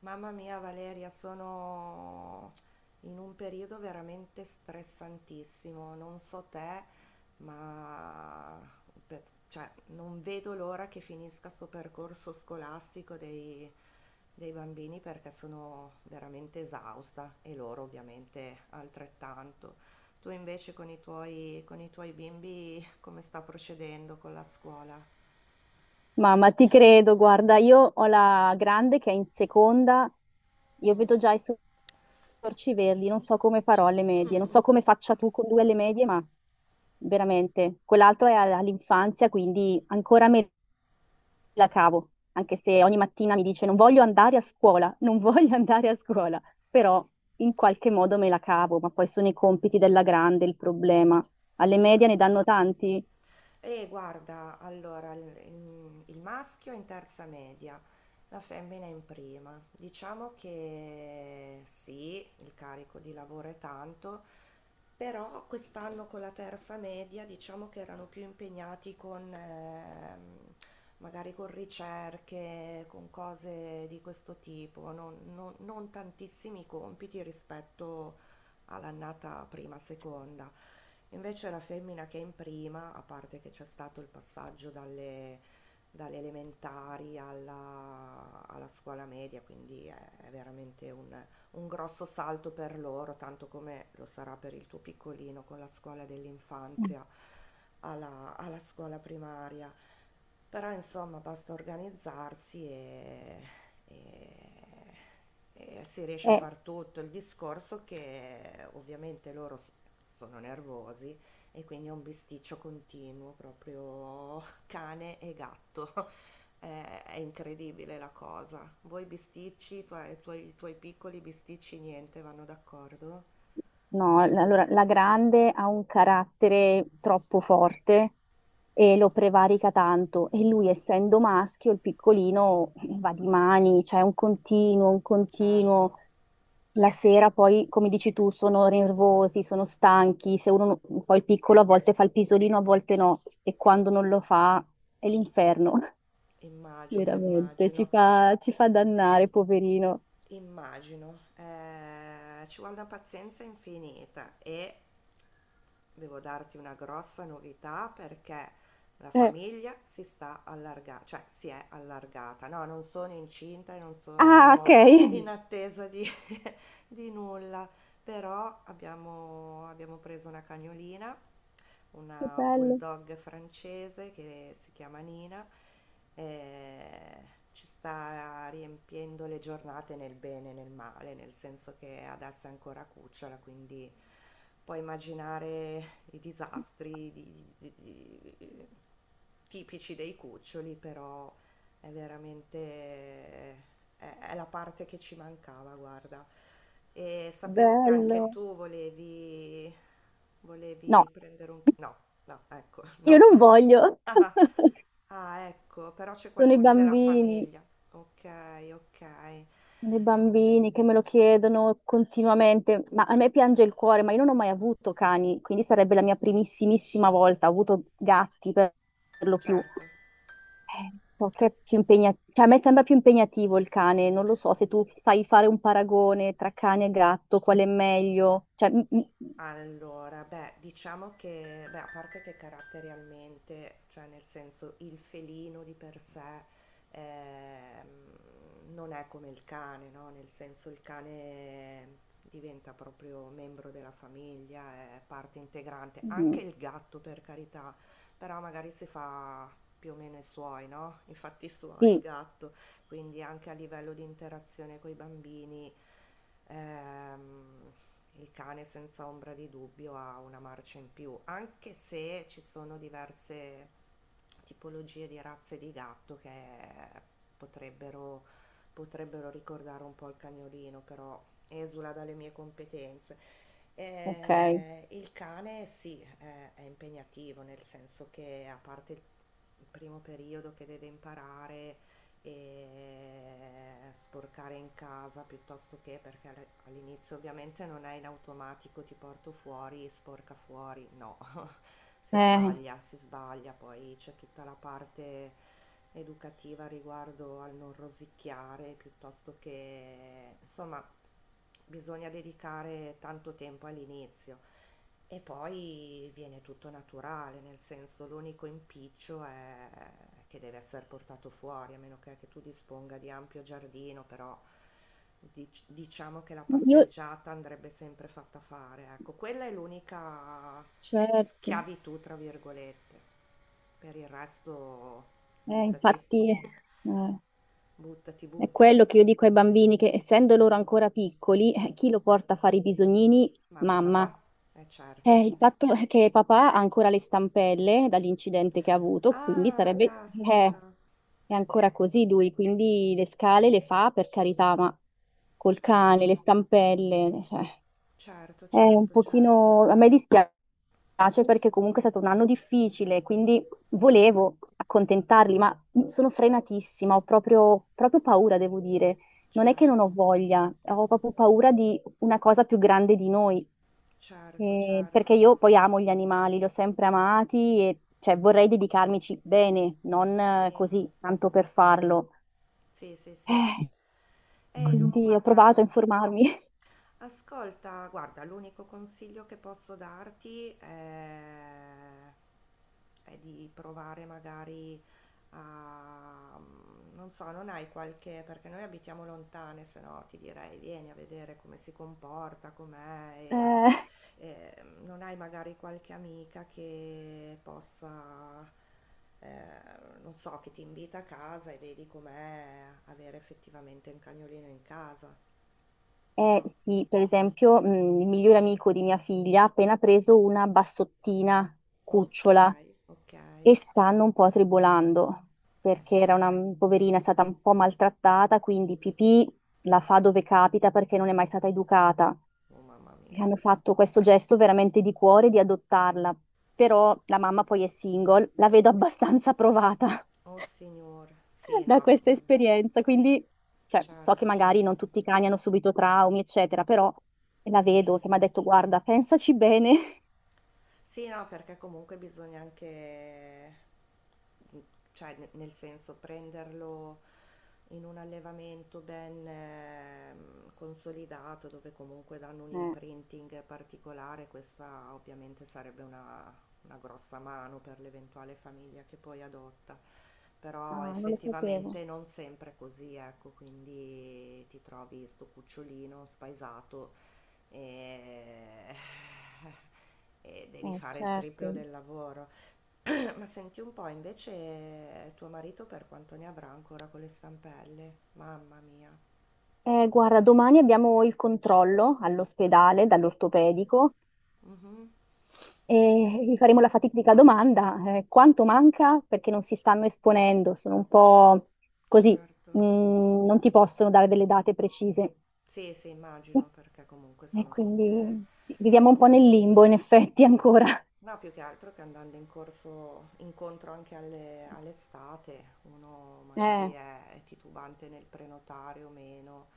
Mamma mia Valeria, sono in un periodo veramente stressantissimo, non so te, ma cioè, non vedo l'ora che finisca sto percorso scolastico dei bambini perché sono veramente esausta e loro ovviamente altrettanto. Tu invece con con i tuoi bimbi come sta procedendo con la scuola? Mamma, ti credo, guarda, io ho la grande che è in seconda, io Mm, vedo già i suoi sorci verdi, non so come farò alle medie, non so come faccia tu con due alle medie, ma veramente, quell'altro è all'infanzia, quindi ancora me la cavo, anche se ogni mattina mi dice non voglio andare a scuola, non voglio andare a scuola, però in qualche modo me la cavo, ma poi sono i compiti della grande il problema. Alle medie ne certo. danno tanti. E guarda, allora, il maschio è in terza media, la femmina è in prima. Diciamo che sì, il carico di lavoro è tanto, però quest'anno con la terza media diciamo che erano più impegnati con, magari con ricerche, con cose di questo tipo, non tantissimi compiti rispetto all'annata prima, seconda. Invece la femmina che è in prima, a parte che c'è stato il passaggio dalle elementari alla scuola media, quindi è veramente un grosso salto per loro, tanto come lo sarà per il tuo piccolino con la scuola dell'infanzia alla scuola primaria. Però insomma basta organizzarsi e- e si riesce a Eh, far tutto. Il discorso che ovviamente sono nervosi e quindi è un bisticcio continuo, proprio cane e gatto. È incredibile la cosa. Voi bisticci, i tuoi piccoli bisticci, niente, vanno d'accordo? No, allora la grande ha un carattere troppo forte e lo prevarica tanto e lui essendo maschio, il piccolino va di mani, cioè è un continuo, un Certo, continuo. La sera poi, come dici tu, sono nervosi, sono stanchi, se uno, poi il piccolo a volte fa il pisolino, a volte no e quando non lo fa è l'inferno, immagino, veramente, ci immagino, fa, ci fa dannare, poverino. immagino. Ci vuole una pazienza infinita e devo darti una grossa novità perché la Eh, famiglia si sta allargando, cioè si è allargata. No, non sono incinta e non Ah, ok, sono in che attesa di, di nulla. Però abbiamo preso una cagnolina, una bello, bulldog francese che si chiama Nina, e ci sta riempiendo le giornate nel bene e nel male, nel senso che adesso è ancora cucciola, quindi puoi immaginare i disastri tipici dei cuccioli, però è veramente è è la parte che ci mancava, guarda. E sapevo che anche bello. tu No, volevi prendere un no, no, ecco, io no. non voglio. Ah, ecco, però c'è Sono i qualcuno della bambini, famiglia. Okay, okay. sono i bambini che me lo chiedono continuamente, ma a me piange il cuore, ma io non ho mai avuto cani, quindi sarebbe la mia primissimissima volta, ho avuto gatti per lo più. Certo. So che è più impegnativo, cioè a me sembra più impegnativo il cane, non lo so, se tu fai fare un paragone tra cane e gatto, qual è meglio? Cioè, mm, mm, Allora, beh, diciamo che, beh, a parte che caratterialmente, cioè nel senso il felino di per sé non è come il cane, no? Nel senso il cane diventa proprio membro della famiglia, è parte integrante, anche mm, il gatto per carità, però magari si fa più o meno i suoi, no? I fatti suoi il sì, gatto, quindi anche a livello di interazione coi bambini, ehm, il cane senza ombra di dubbio ha una marcia in più, anche se ci sono diverse tipologie di razze di gatto che potrebbero, potrebbero ricordare un po' il cagnolino, però esula dalle mie competenze. ok. Il cane sì, è impegnativo, nel senso che a parte il primo periodo che deve imparare e sporcare in casa piuttosto che perché all'inizio ovviamente non è in automatico ti porto fuori, e sporca fuori, no, Eh, si sbaglia, poi c'è tutta la parte educativa riguardo al non rosicchiare, piuttosto che, insomma, bisogna dedicare tanto tempo all'inizio. E poi viene tutto naturale, nel senso l'unico impiccio è che deve essere portato fuori, a meno che tu disponga di ampio giardino, però diciamo che la io, passeggiata andrebbe sempre fatta fare. Ecco, quella è l'unica certo, schiavitù, tra virgolette. Per il resto, buttati, infatti... eh. buttati, È quello buttati. che io dico ai bambini, che essendo loro ancora piccoli, chi lo porta a fare i bisognini? Mamma e Mamma. papà, è certo. Il fatto è che papà ha ancora le stampelle dall'incidente che ha avuto, quindi Ah, sarebbe... eh, caspita, è ancora così lui, quindi le scale le fa per carità, ma col cane, certo, le stampelle, cioè, certo, è un certo, certo. pochino... A me dispiace piace perché comunque è stato un anno difficile, quindi volevo accontentarli, ma sono frenatissima, ho proprio, proprio paura, devo dire. Non è che non Certo, ho voglia, ho proprio paura di una cosa più grande di noi, certo, certo. perché io poi amo gli animali, li ho sempre amati e cioè, vorrei dedicarmici bene, non Sì, così, tanto per farlo. sì, sì, sì. Eh, Mm. Lo Quindi ho provato a guarda. informarmi. Ascolta, guarda, l'unico consiglio che posso darti è di provare magari a, mm, non so, non hai qualche, perché noi abitiamo lontane, se no ti direi vieni a vedere come si comporta, Eh, e, mm, non hai magari qualche amica che possa, eh, non so, che ti invita a casa e vedi com'è avere effettivamente un cagnolino in casa, Eh no? sì, per esempio, il migliore amico di mia figlia ha appena preso una bassottina Ok, cucciola ok. e stanno un po' tribolando perché era una poverina, è stata un po' maltrattata, quindi pipì la fa dove capita perché non è mai stata educata. Oh mamma E mia. hanno fatto questo gesto veramente di cuore di adottarla, però la mamma poi è single, la vedo abbastanza provata Oh signor. Sì, da no. questa Mm, esperienza, quindi cioè, so che certo, magari non certo. tutti i cani hanno subito traumi, eccetera, però la Sì, vedo che sì. mi ha detto, guarda, pensaci bene. Sì, no, perché comunque bisogna anche, mhmm, cioè ne nel senso prenderlo in un allevamento ben, mhmm, consolidato, dove comunque danno un Eh, imprinting particolare, questa ovviamente sarebbe una grossa mano per l'eventuale famiglia che poi adotta. Però ah, non lo sapevo. effettivamente non sempre è così, ecco, quindi ti trovi 'sto cucciolino spaesato e, e devi fare il Certo. triplo del lavoro. Ma senti un po', invece tuo marito per quanto ne avrà ancora con le stampelle? Mamma mia. Guarda, domani abbiamo il controllo all'ospedale dall'ortopedico Mhm, e gli faremo la fatidica domanda, quanto manca? Perché non si stanno esponendo, sono un po' così, certo. Non ti possono dare delle date precise. Sì, sì, immagino, perché comunque E sono tutte... quindi viviamo un po' nel limbo, in effetti, ancora. No, più che altro che andando in corso, incontro anche all'estate, uno Eh, magari è titubante nel prenotare o meno.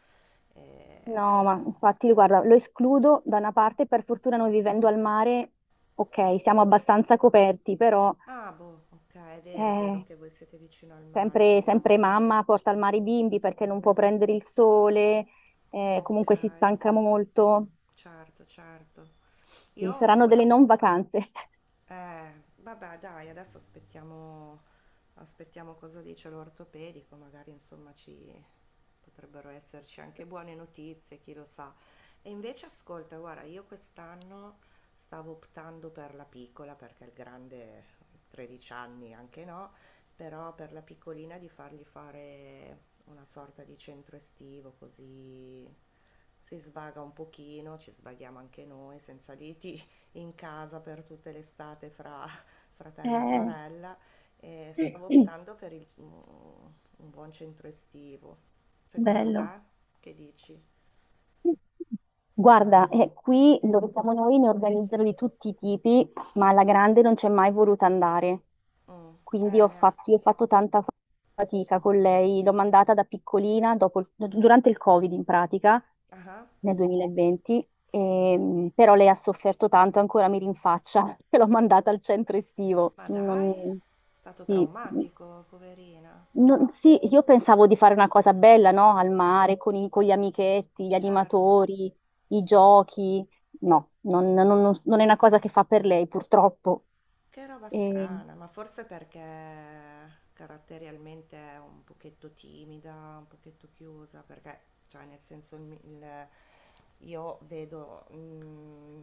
no, ma Eh, infatti, guarda, lo escludo da una parte, per fortuna noi vivendo al mare, ok, siamo abbastanza coperti, però ah, boh, ok, è vero eh, che voi siete vicino al mare, sempre, sì. sempre mamma porta al mare i bimbi perché non può prendere il sole, Ok, comunque si stanca molto. certo, certo. Sì, Io saranno que- delle non vacanze. Vabbè, dai, adesso aspettiamo, aspettiamo cosa dice l'ortopedico, magari insomma ci potrebbero esserci anche buone notizie, chi lo sa. E invece ascolta, guarda, io quest'anno stavo optando per la piccola perché il grande 13 anni anche no, però per la piccolina di fargli fare una sorta di centro estivo così si svaga un pochino, ci svaghiamo anche noi senza liti in casa per tutte l'estate fra fratello e Eh, sorella e stavo optando per un buon centro estivo. Secondo bello. te? Che dici? Guarda, qui dove siamo noi ne organizzano di tutti i tipi, ma alla grande non c'è mai voluta andare. Mm, Quindi ho ne- fatto, io ho fatto tanta fatica con lei. L'ho mandata da piccolina, dopo durante il Covid in pratica, ah, nel 2020, sì. Però lei ha sofferto tanto, ancora mi rinfaccia che l'ho mandata al centro estivo. Ma dai, Non, è stato sì. traumatico, poverina. Sì, io pensavo di fare una cosa bella, no? Al mare, con gli amichetti, gli Certo. animatori, i giochi. No, non è una cosa che fa per lei, purtroppo. Che roba E- strana, ma forse perché caratterialmente è un pochetto timida, un pochetto chiusa, perché, cioè, nel senso, io vedo mm,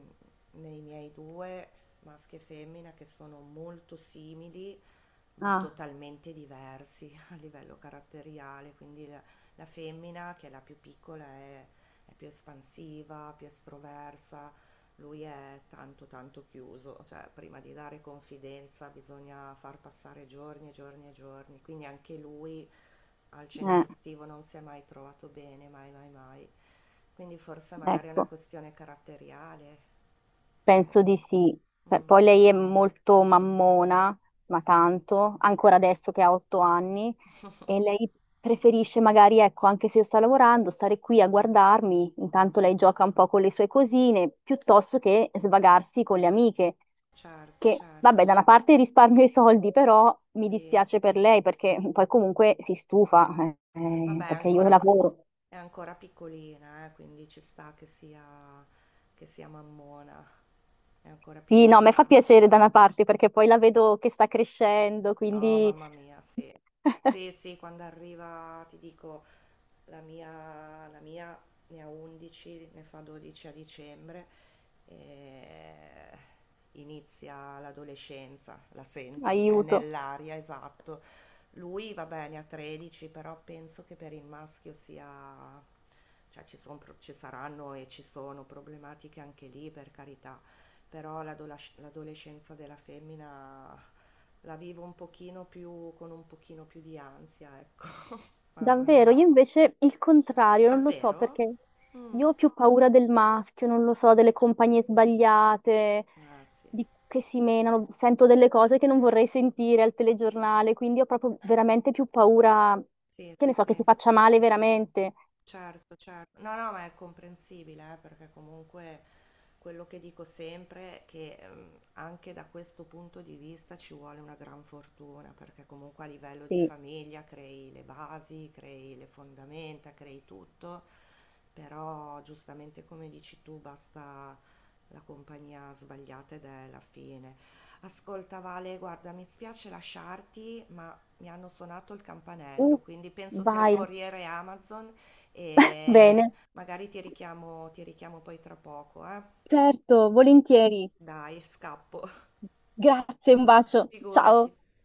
nei miei due, maschi e femmina, che sono molto simili, ma ah, totalmente diversi a livello caratteriale, quindi la femmina, che è la più piccola, è più espansiva, più estroversa, lui è tanto, tanto chiuso, cioè prima di dare confidenza bisogna far passare giorni e giorni e giorni, quindi anche lui al centro eh, estivo non si è mai trovato bene, mai, mai, mai. Quindi forse magari è una ecco, questione caratteriale, anche- penso di sì. Beh, mm. poi lei è molto mammona, ma tanto, ancora adesso che ha 8 anni. E lei preferisce magari, ecco, anche se io sto lavorando, stare qui a guardarmi, intanto lei gioca un po' con le sue cosine, piuttosto che svagarsi con le amiche, Certo, che vabbè, certo, da una parte risparmio i soldi, però mi sì. dispiace per lei perché poi comunque si stufa, Vabbè, perché io lavoro. è ancora piccolina, quindi ci sta che che sia mammona, è ancora Sì, no, a me fa piccola. piacere da una parte perché poi la vedo che sta crescendo, Oh, quindi mamma mia, sì. Sì, sì, quando arriva, ti dico, la mia ne ha 11, ne fa 12 a dicembre, e inizia l'adolescenza, la sento, è aiuto. nell'aria, esatto. Lui, va bene, ha 13, però penso che per il maschio sia... Cioè, ci saranno e ci sono problematiche anche lì, per carità, però l'adolescenza della femmina la vivo un pochino più, con un pochino più di ansia, ecco. Mamma mia. Davvero, io invece il contrario, non lo so Davvero? perché Mm. io ho più paura del maschio, non lo so, delle compagnie sbagliate, Ah, sì. Che si menano, sento delle cose che non vorrei sentire al telegiornale, quindi ho proprio veramente più paura, Sì, che ne sì, so, che sì. ti faccia male veramente. Certo, certo. No, no, ma è comprensibile, perché comunque quello che dico sempre è che anche da questo punto di vista ci vuole una gran fortuna, perché comunque a livello di Sì. famiglia crei le basi, crei le fondamenta, crei tutto, però giustamente come dici tu, basta la compagnia sbagliata ed è la fine. Ascolta Vale, guarda, mi spiace lasciarti, ma mi hanno suonato il Uh, campanello, quindi penso sia il vai. corriere Amazon e Bene, magari ti richiamo poi tra poco, eh? certo, volentieri. Dai, scappo, Grazie, un bacio. Ciao. figurati.